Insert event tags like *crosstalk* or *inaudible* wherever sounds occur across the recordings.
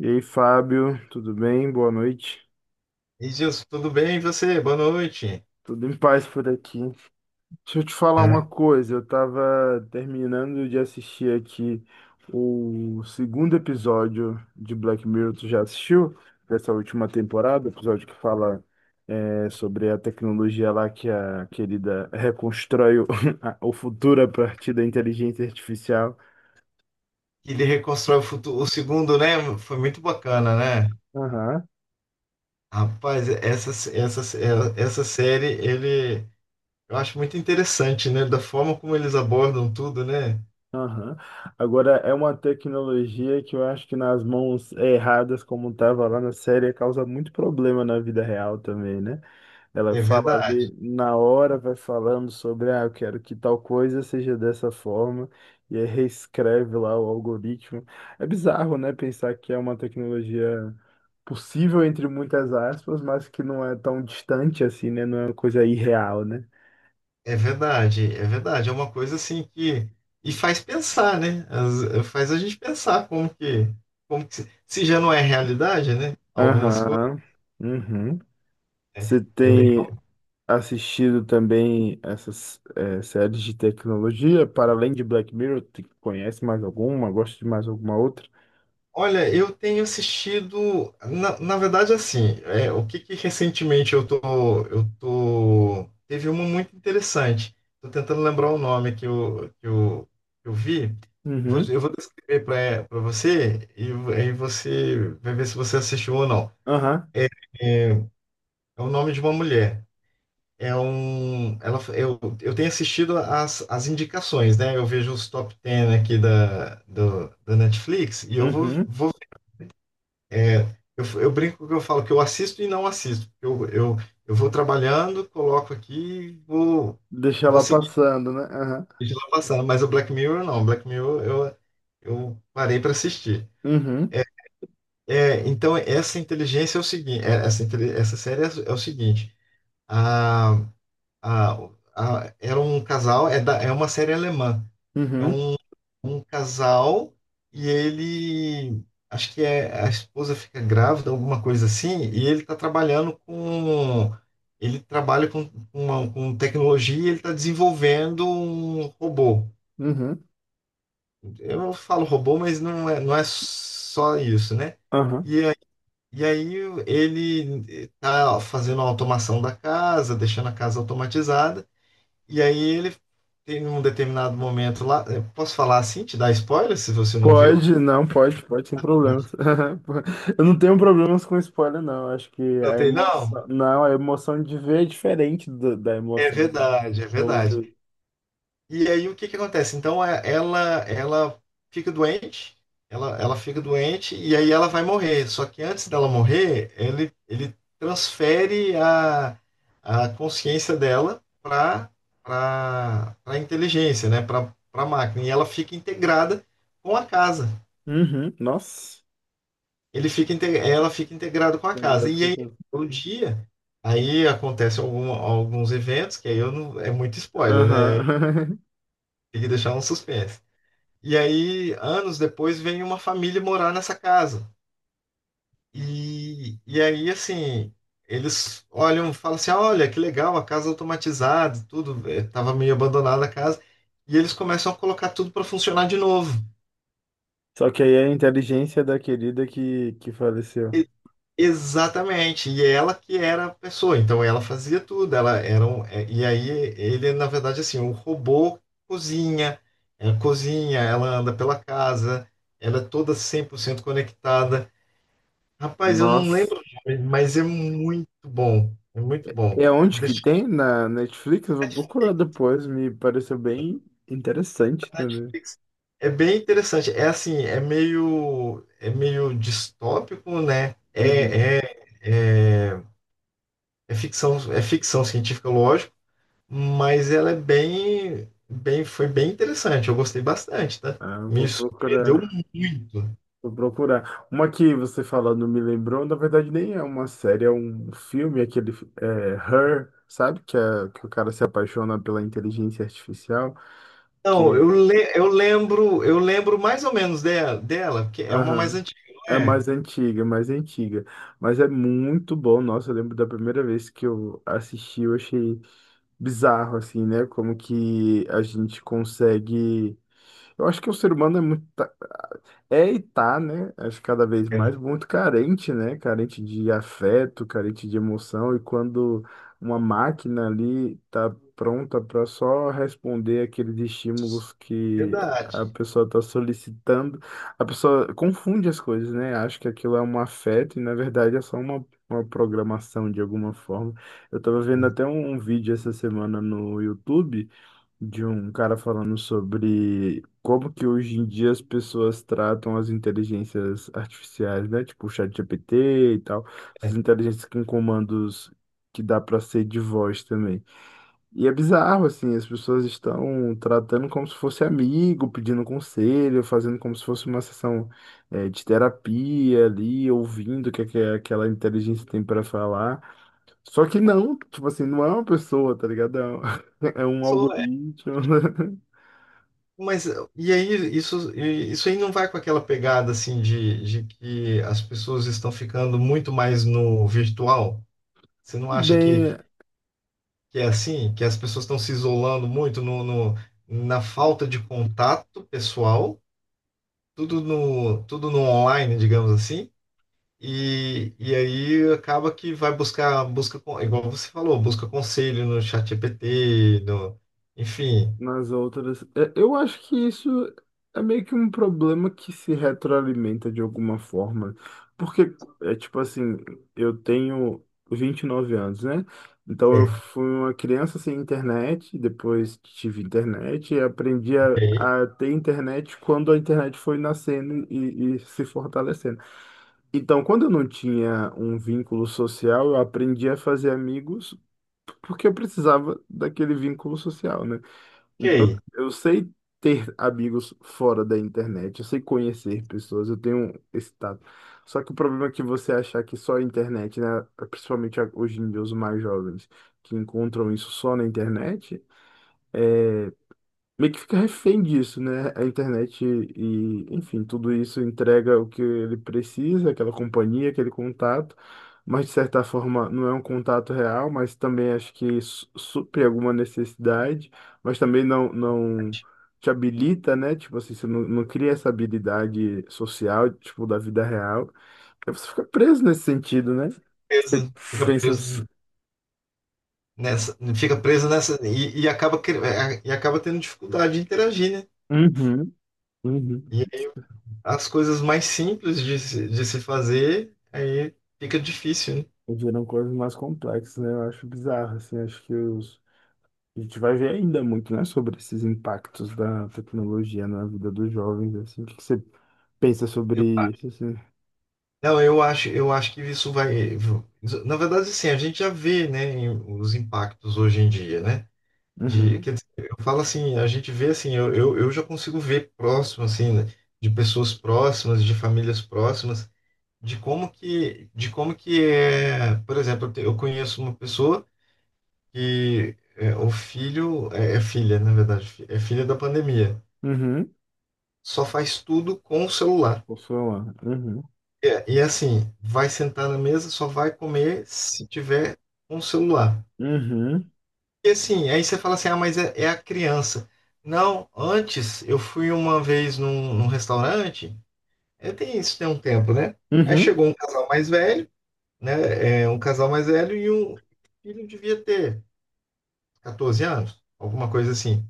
E aí, Fábio, tudo bem? Boa noite. E Gilson, tudo bem? E você? Boa noite. Tudo em paz por aqui. Deixa eu te falar uma É. coisa. Eu tava terminando de assistir aqui o segundo episódio de Black Mirror. Tu já assistiu? Dessa última temporada, episódio que fala sobre a tecnologia lá que a querida reconstrói *laughs* o futuro a partir da inteligência artificial. Ele reconstrói o futuro. O segundo, né? Foi muito bacana, né? Aham. Rapaz, essa série, ele, eu acho muito interessante, né? Da forma como eles abordam tudo, né? Aham. Agora, é uma tecnologia que eu acho que nas mãos erradas, como estava lá na série, causa muito problema na vida real também, né? Ela É fala verdade, ali na hora, vai falando sobre, ah, eu quero que tal coisa seja dessa forma, e aí reescreve lá o algoritmo. É bizarro, né? Pensar que é uma tecnologia possível, entre muitas aspas, mas que não é tão distante assim, né? Não é uma coisa irreal, né? é verdade, é verdade. É uma coisa assim que. E faz pensar, né? Faz a gente pensar como que. Como que se já não é realidade, né? Algumas coisas. Aham. Uhum. Né? Você É. tem assistido também essas séries de tecnologia, para além de Black Mirror, tu conhece mais alguma? Gosta de mais alguma outra? Olha, eu tenho assistido, na verdade, assim, é, o que que recentemente eu tô, teve uma muito interessante. Tô tentando lembrar o nome que eu vi. Uhum, Eu vou descrever para você e aí você vai ver se você assistiu ou não. aham, É, é o nome de uma mulher. É um, ela, eu tenho assistido as indicações, né? Eu vejo os top 10 aqui da Netflix e eu vou, uhum. vou É, eu brinco que eu falo que eu assisto e não assisto. Eu vou trabalhando, coloco aqui e vou, Deixa vou ela seguir, passando, né? Aham, deixa lá passando. Mas o Black Mirror não. Black Mirror eu parei para assistir. uhum, É, é, então, essa inteligência é o seguinte: é, essa, inte essa série é, é o seguinte: a, a, era um casal, é, da, é uma série alemã. É uhum, um um casal e ele, acho que é, a esposa fica grávida, alguma coisa assim, e ele está ele trabalha com, uma, com tecnologia, e ele está desenvolvendo um robô. uhum, Eu não falo robô, mas não é só isso, né? aham. E aí, e aí ele está fazendo a automação da casa, deixando a casa automatizada, e aí ele tem um determinado momento lá, eu posso falar assim, te dar spoiler se você não viu? Pode, não, pode, pode, sem problemas. *laughs* Eu não tenho problemas com spoiler, não. Acho que Não a tem, não? emoção. Não, a emoção de ver é diferente da É emoção. verdade, é De verdade. ouvir. E aí o que que acontece? Então ela fica doente, ela fica doente e aí ela vai morrer. Só que antes dela morrer, ele transfere a consciência dela para a inteligência, né? Para máquina. E ela fica integrada com a casa. Uhum, nossa. Ela fica integrada com a casa. E aí o dia. Aí acontece alguns eventos, que aí eu não, é muito spoiler, né? Aham. *laughs* Tem que deixar um suspense. E aí, anos depois, vem uma família morar nessa casa. E aí, assim, eles olham, falam assim: olha, que legal, a casa automatizada, tudo, tava meio abandonada a casa. E eles começam a colocar tudo para funcionar de novo. Só que aí é a inteligência da querida que faleceu. E- Exatamente. E ela que era a pessoa, então ela fazia tudo. Ela era um, e aí, ele, na verdade, assim, o robô cozinha, cozinha, ela anda pela casa, ela é toda 100% conectada. Rapaz, eu não Nossa. lembro o nome, mas é muito bom. É muito bom. É Eu vou onde que deixar tem? Na Netflix? Eu vou procurar aqui. depois. Me pareceu bem interessante também. É bem interessante. É assim, é meio distópico, né? Uhum. É, é, é, é ficção científica, lógico, mas ela é bem, bem, foi bem interessante. Eu gostei bastante, tá? Ah, eu Me vou surpreendeu procurar. muito. Vou procurar. Uma que você falando me lembrou, na verdade nem é uma série, é um filme, aquele Her, sabe? Que o cara se apaixona pela inteligência artificial, que Não, é. Eu lembro mais ou menos dela, porque é uma mais Aham. antiga, não É mais é? antiga, é mais antiga. Mas é muito bom. Nossa, eu lembro da primeira vez que eu assisti, eu achei bizarro, assim, né? Como que a gente consegue. Eu acho que o ser humano é muito. É, e tá, né? Acho que cada vez É mais muito carente, né? Carente de afeto, carente de emoção. E quando uma máquina ali tá pronta para só responder aqueles estímulos que a verdade. pessoa está solicitando, a pessoa confunde as coisas, né? Acha que aquilo é um afeto e na verdade é só uma programação de alguma forma. Eu tava vendo até É, um vídeo essa semana no YouTube de um cara falando sobre como que hoje em dia as pessoas tratam as inteligências artificiais, né? Tipo o ChatGPT e tal, essas é. inteligências com comandos que dá para ser de voz também. E é bizarro, assim, as pessoas estão tratando como se fosse amigo, pedindo conselho, fazendo como se fosse uma sessão, de terapia ali, ouvindo o que, é que aquela inteligência tem para falar. Só que não, tipo assim, não é uma pessoa, tá ligado? É um *laughs* é um Sou. algoritmo. *laughs* Mas e aí, isso, isso aí não vai com aquela pegada assim de que as pessoas estão ficando muito mais no virtual? Você não acha Bem, que é assim? Que as pessoas estão se isolando muito no na falta de contato pessoal, tudo no online, digamos assim, e aí acaba que vai igual você falou, busca conselho no chat GPT no, enfim. nas outras. Eu acho que isso é meio que um problema que se retroalimenta de alguma forma. Porque, é tipo assim, eu tenho 29 anos, né? Então eu É. fui uma criança sem internet, depois tive internet, e aprendi a, Ok, a ter internet quando a internet foi nascendo e se fortalecendo. Então, quando eu não tinha um vínculo social, eu aprendi a fazer amigos porque eu precisava daquele vínculo social, né? Então, ok. eu sei ter amigos fora da internet, eu sei conhecer pessoas, eu tenho esse tato. Só que o problema é que você achar que só a internet, né, principalmente hoje em dia os mais jovens, que encontram isso só na internet, meio que fica refém disso, né? A internet e, enfim, tudo isso entrega o que ele precisa, aquela companhia, aquele contato, mas de certa forma não é um contato real, mas também acho que supre alguma necessidade, mas também não te habilita, né? Tipo assim, você não cria essa habilidade social, tipo, da vida real. Aí você fica preso nesse sentido, né? Você Beleza. Pensa. Fica preso nessa e acaba tendo dificuldade de interagir, né? Uhum, uhum. E aí as coisas mais simples de se fazer aí fica difícil, né? Viram coisas mais complexas, né? Eu acho bizarro, assim, a gente vai ver ainda muito, né, sobre esses impactos da tecnologia na vida dos jovens, assim, o que que você pensa sobre Eu isso, acho. assim? Não, eu acho que isso vai. Na verdade, assim, a gente já vê, né, os impactos hoje em dia, né? De, Uhum, quer dizer, eu falo assim, a gente vê assim, eu já consigo ver próximo, assim, né, de pessoas próximas, de famílias próximas, de como que é, por exemplo, eu conheço uma pessoa que é, o filho, é, é filha, na verdade, é filha da pandemia. uhum, Só faz tudo com o celular. posso falar, uhum, É, e assim, vai sentar na mesa, só vai comer se tiver um celular. uhum, E assim, aí você fala assim, ah, mas é, é a criança. Não, antes eu fui uma vez num restaurante, é, tem isso tem um tempo, né? Aí uhum. chegou um casal mais velho, né? É, um casal mais velho e um filho devia ter 14 anos, alguma coisa assim.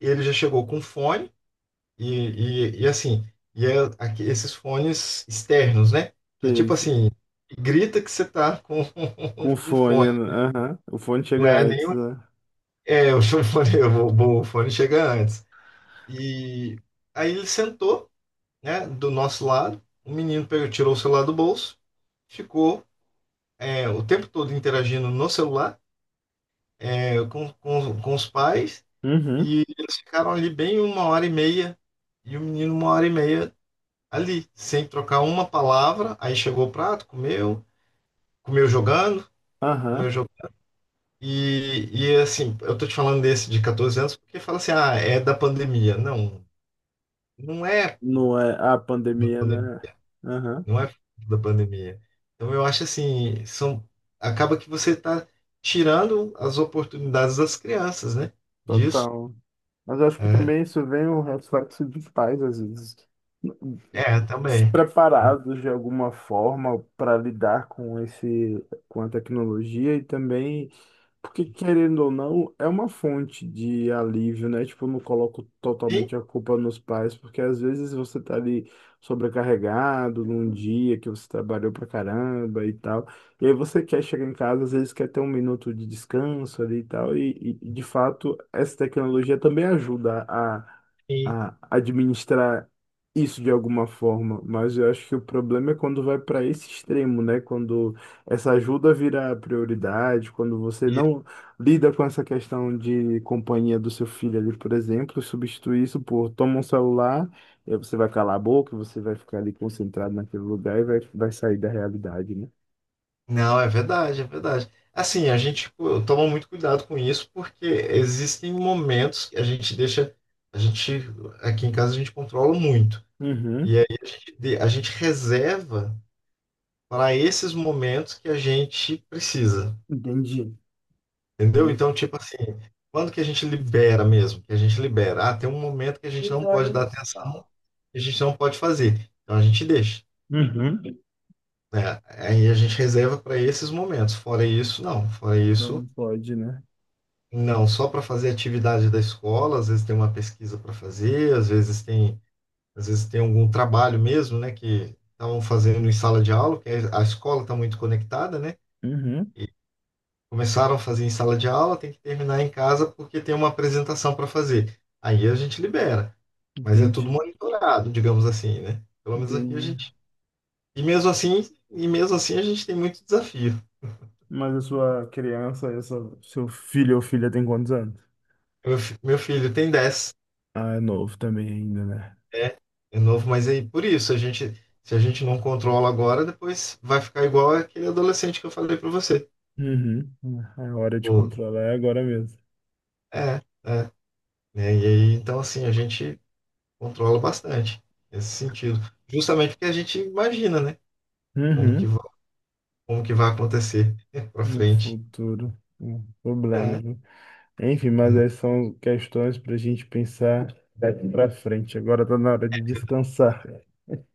Ele já chegou com fone. E, e assim, e é aqui, esses fones externos, né? Que é Sei, tipo sei. assim, grita que você tá com Com *laughs* um fone. fone, né? Aham, o fone Não chega é antes, nenhum. né? É, o *laughs* fone, o fone chega antes. E aí ele sentou, né, do nosso lado. O menino pegou, tirou o celular do bolso, ficou é, o tempo todo interagindo no celular, é, com os pais. Uhum, E eles ficaram ali bem uma hora e meia. E o menino, uma hora e meia ali, sem trocar uma palavra. Aí chegou o prato, comeu, comeu jogando, comeu aham, jogando. E assim, eu tô te falando desse de 14 anos porque fala assim, ah, é da pandemia. Não, não é não é a da pandemia, pandemia. né? Aham, Não é da pandemia. Então eu acho assim, são, acaba que você tá tirando as oportunidades das crianças, né? Disso. total. Mas eu acho que É, também isso vem um reflexo dos pais, às vezes, é também. Então, despreparados de alguma forma para lidar com esse, com a tecnologia e também. Porque, querendo ou não, é uma fonte de alívio, né? Tipo, eu não coloco sim, totalmente a culpa nos pais, porque às vezes você tá ali sobrecarregado num dia que você trabalhou pra caramba e tal. E aí você quer chegar em casa, às vezes quer ter um minuto de descanso ali e tal. E, de fato, essa tecnologia também ajuda a, sim. a administrar isso de alguma forma. Mas eu acho que o problema é quando vai para esse extremo, né? Quando essa ajuda vira prioridade quando você não lida com essa questão de companhia do seu filho ali, por exemplo, substitui isso por toma um celular, e aí você vai calar a boca, você vai ficar ali concentrado naquele lugar e vai sair da realidade, né? Não, é verdade, é verdade. Assim, a gente, pô, toma muito cuidado com isso, porque existem momentos que a gente deixa, a gente, aqui em casa a gente controla muito. Uhum, E aí a gente reserva para esses momentos que a gente precisa, entendi. entendeu? Entendi. Então, tipo assim, quando que a gente libera mesmo? Que a gente libera. Ah, tem um momento que a gente não pode dar atenção, que a gente não pode fazer. Então a gente deixa, Uhum. né? Aí a gente reserva para esses momentos. Fora isso, não. Fora isso. Não pode, né? Não, só para fazer atividade da escola, às vezes tem uma pesquisa para fazer, às vezes tem algum trabalho mesmo, né, que estavam fazendo em sala de aula, que a escola está muito conectada, né? Uhum, Começaram a fazer em sala de aula, tem que terminar em casa porque tem uma apresentação para fazer. Aí a gente libera, mas é tudo entendi. monitorado, digamos assim, né? Pelo menos aqui a Entendi. gente. E mesmo assim a gente tem muito desafio. Mas a sua criança, essa, seu filho ou filha tem quantos anos? Meu, meu filho tem 10. Ah, é novo também ainda, né? É, é novo, mas aí por isso a gente, se a gente não controla agora, depois vai ficar igual aquele adolescente que eu falei pra você. Uhum. A hora de Pô, controlar é agora mesmo. é, é, né? E aí, então assim, a gente controla bastante nesse sentido, justamente porque a gente imagina, né? Como que Uhum. vai, como que vai acontecer *laughs* pra No frente. futuro. Problemas, É, né? Enfim, mas né? essas são questões para a gente pensar daqui para frente. Agora está na hora de descansar.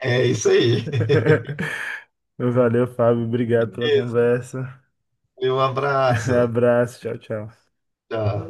É isso aí. *laughs* *laughs* Valeu, Fábio. Obrigado pela Isso. conversa. Um *laughs* abraço. Abraço. Tchau, tchau. Tchau.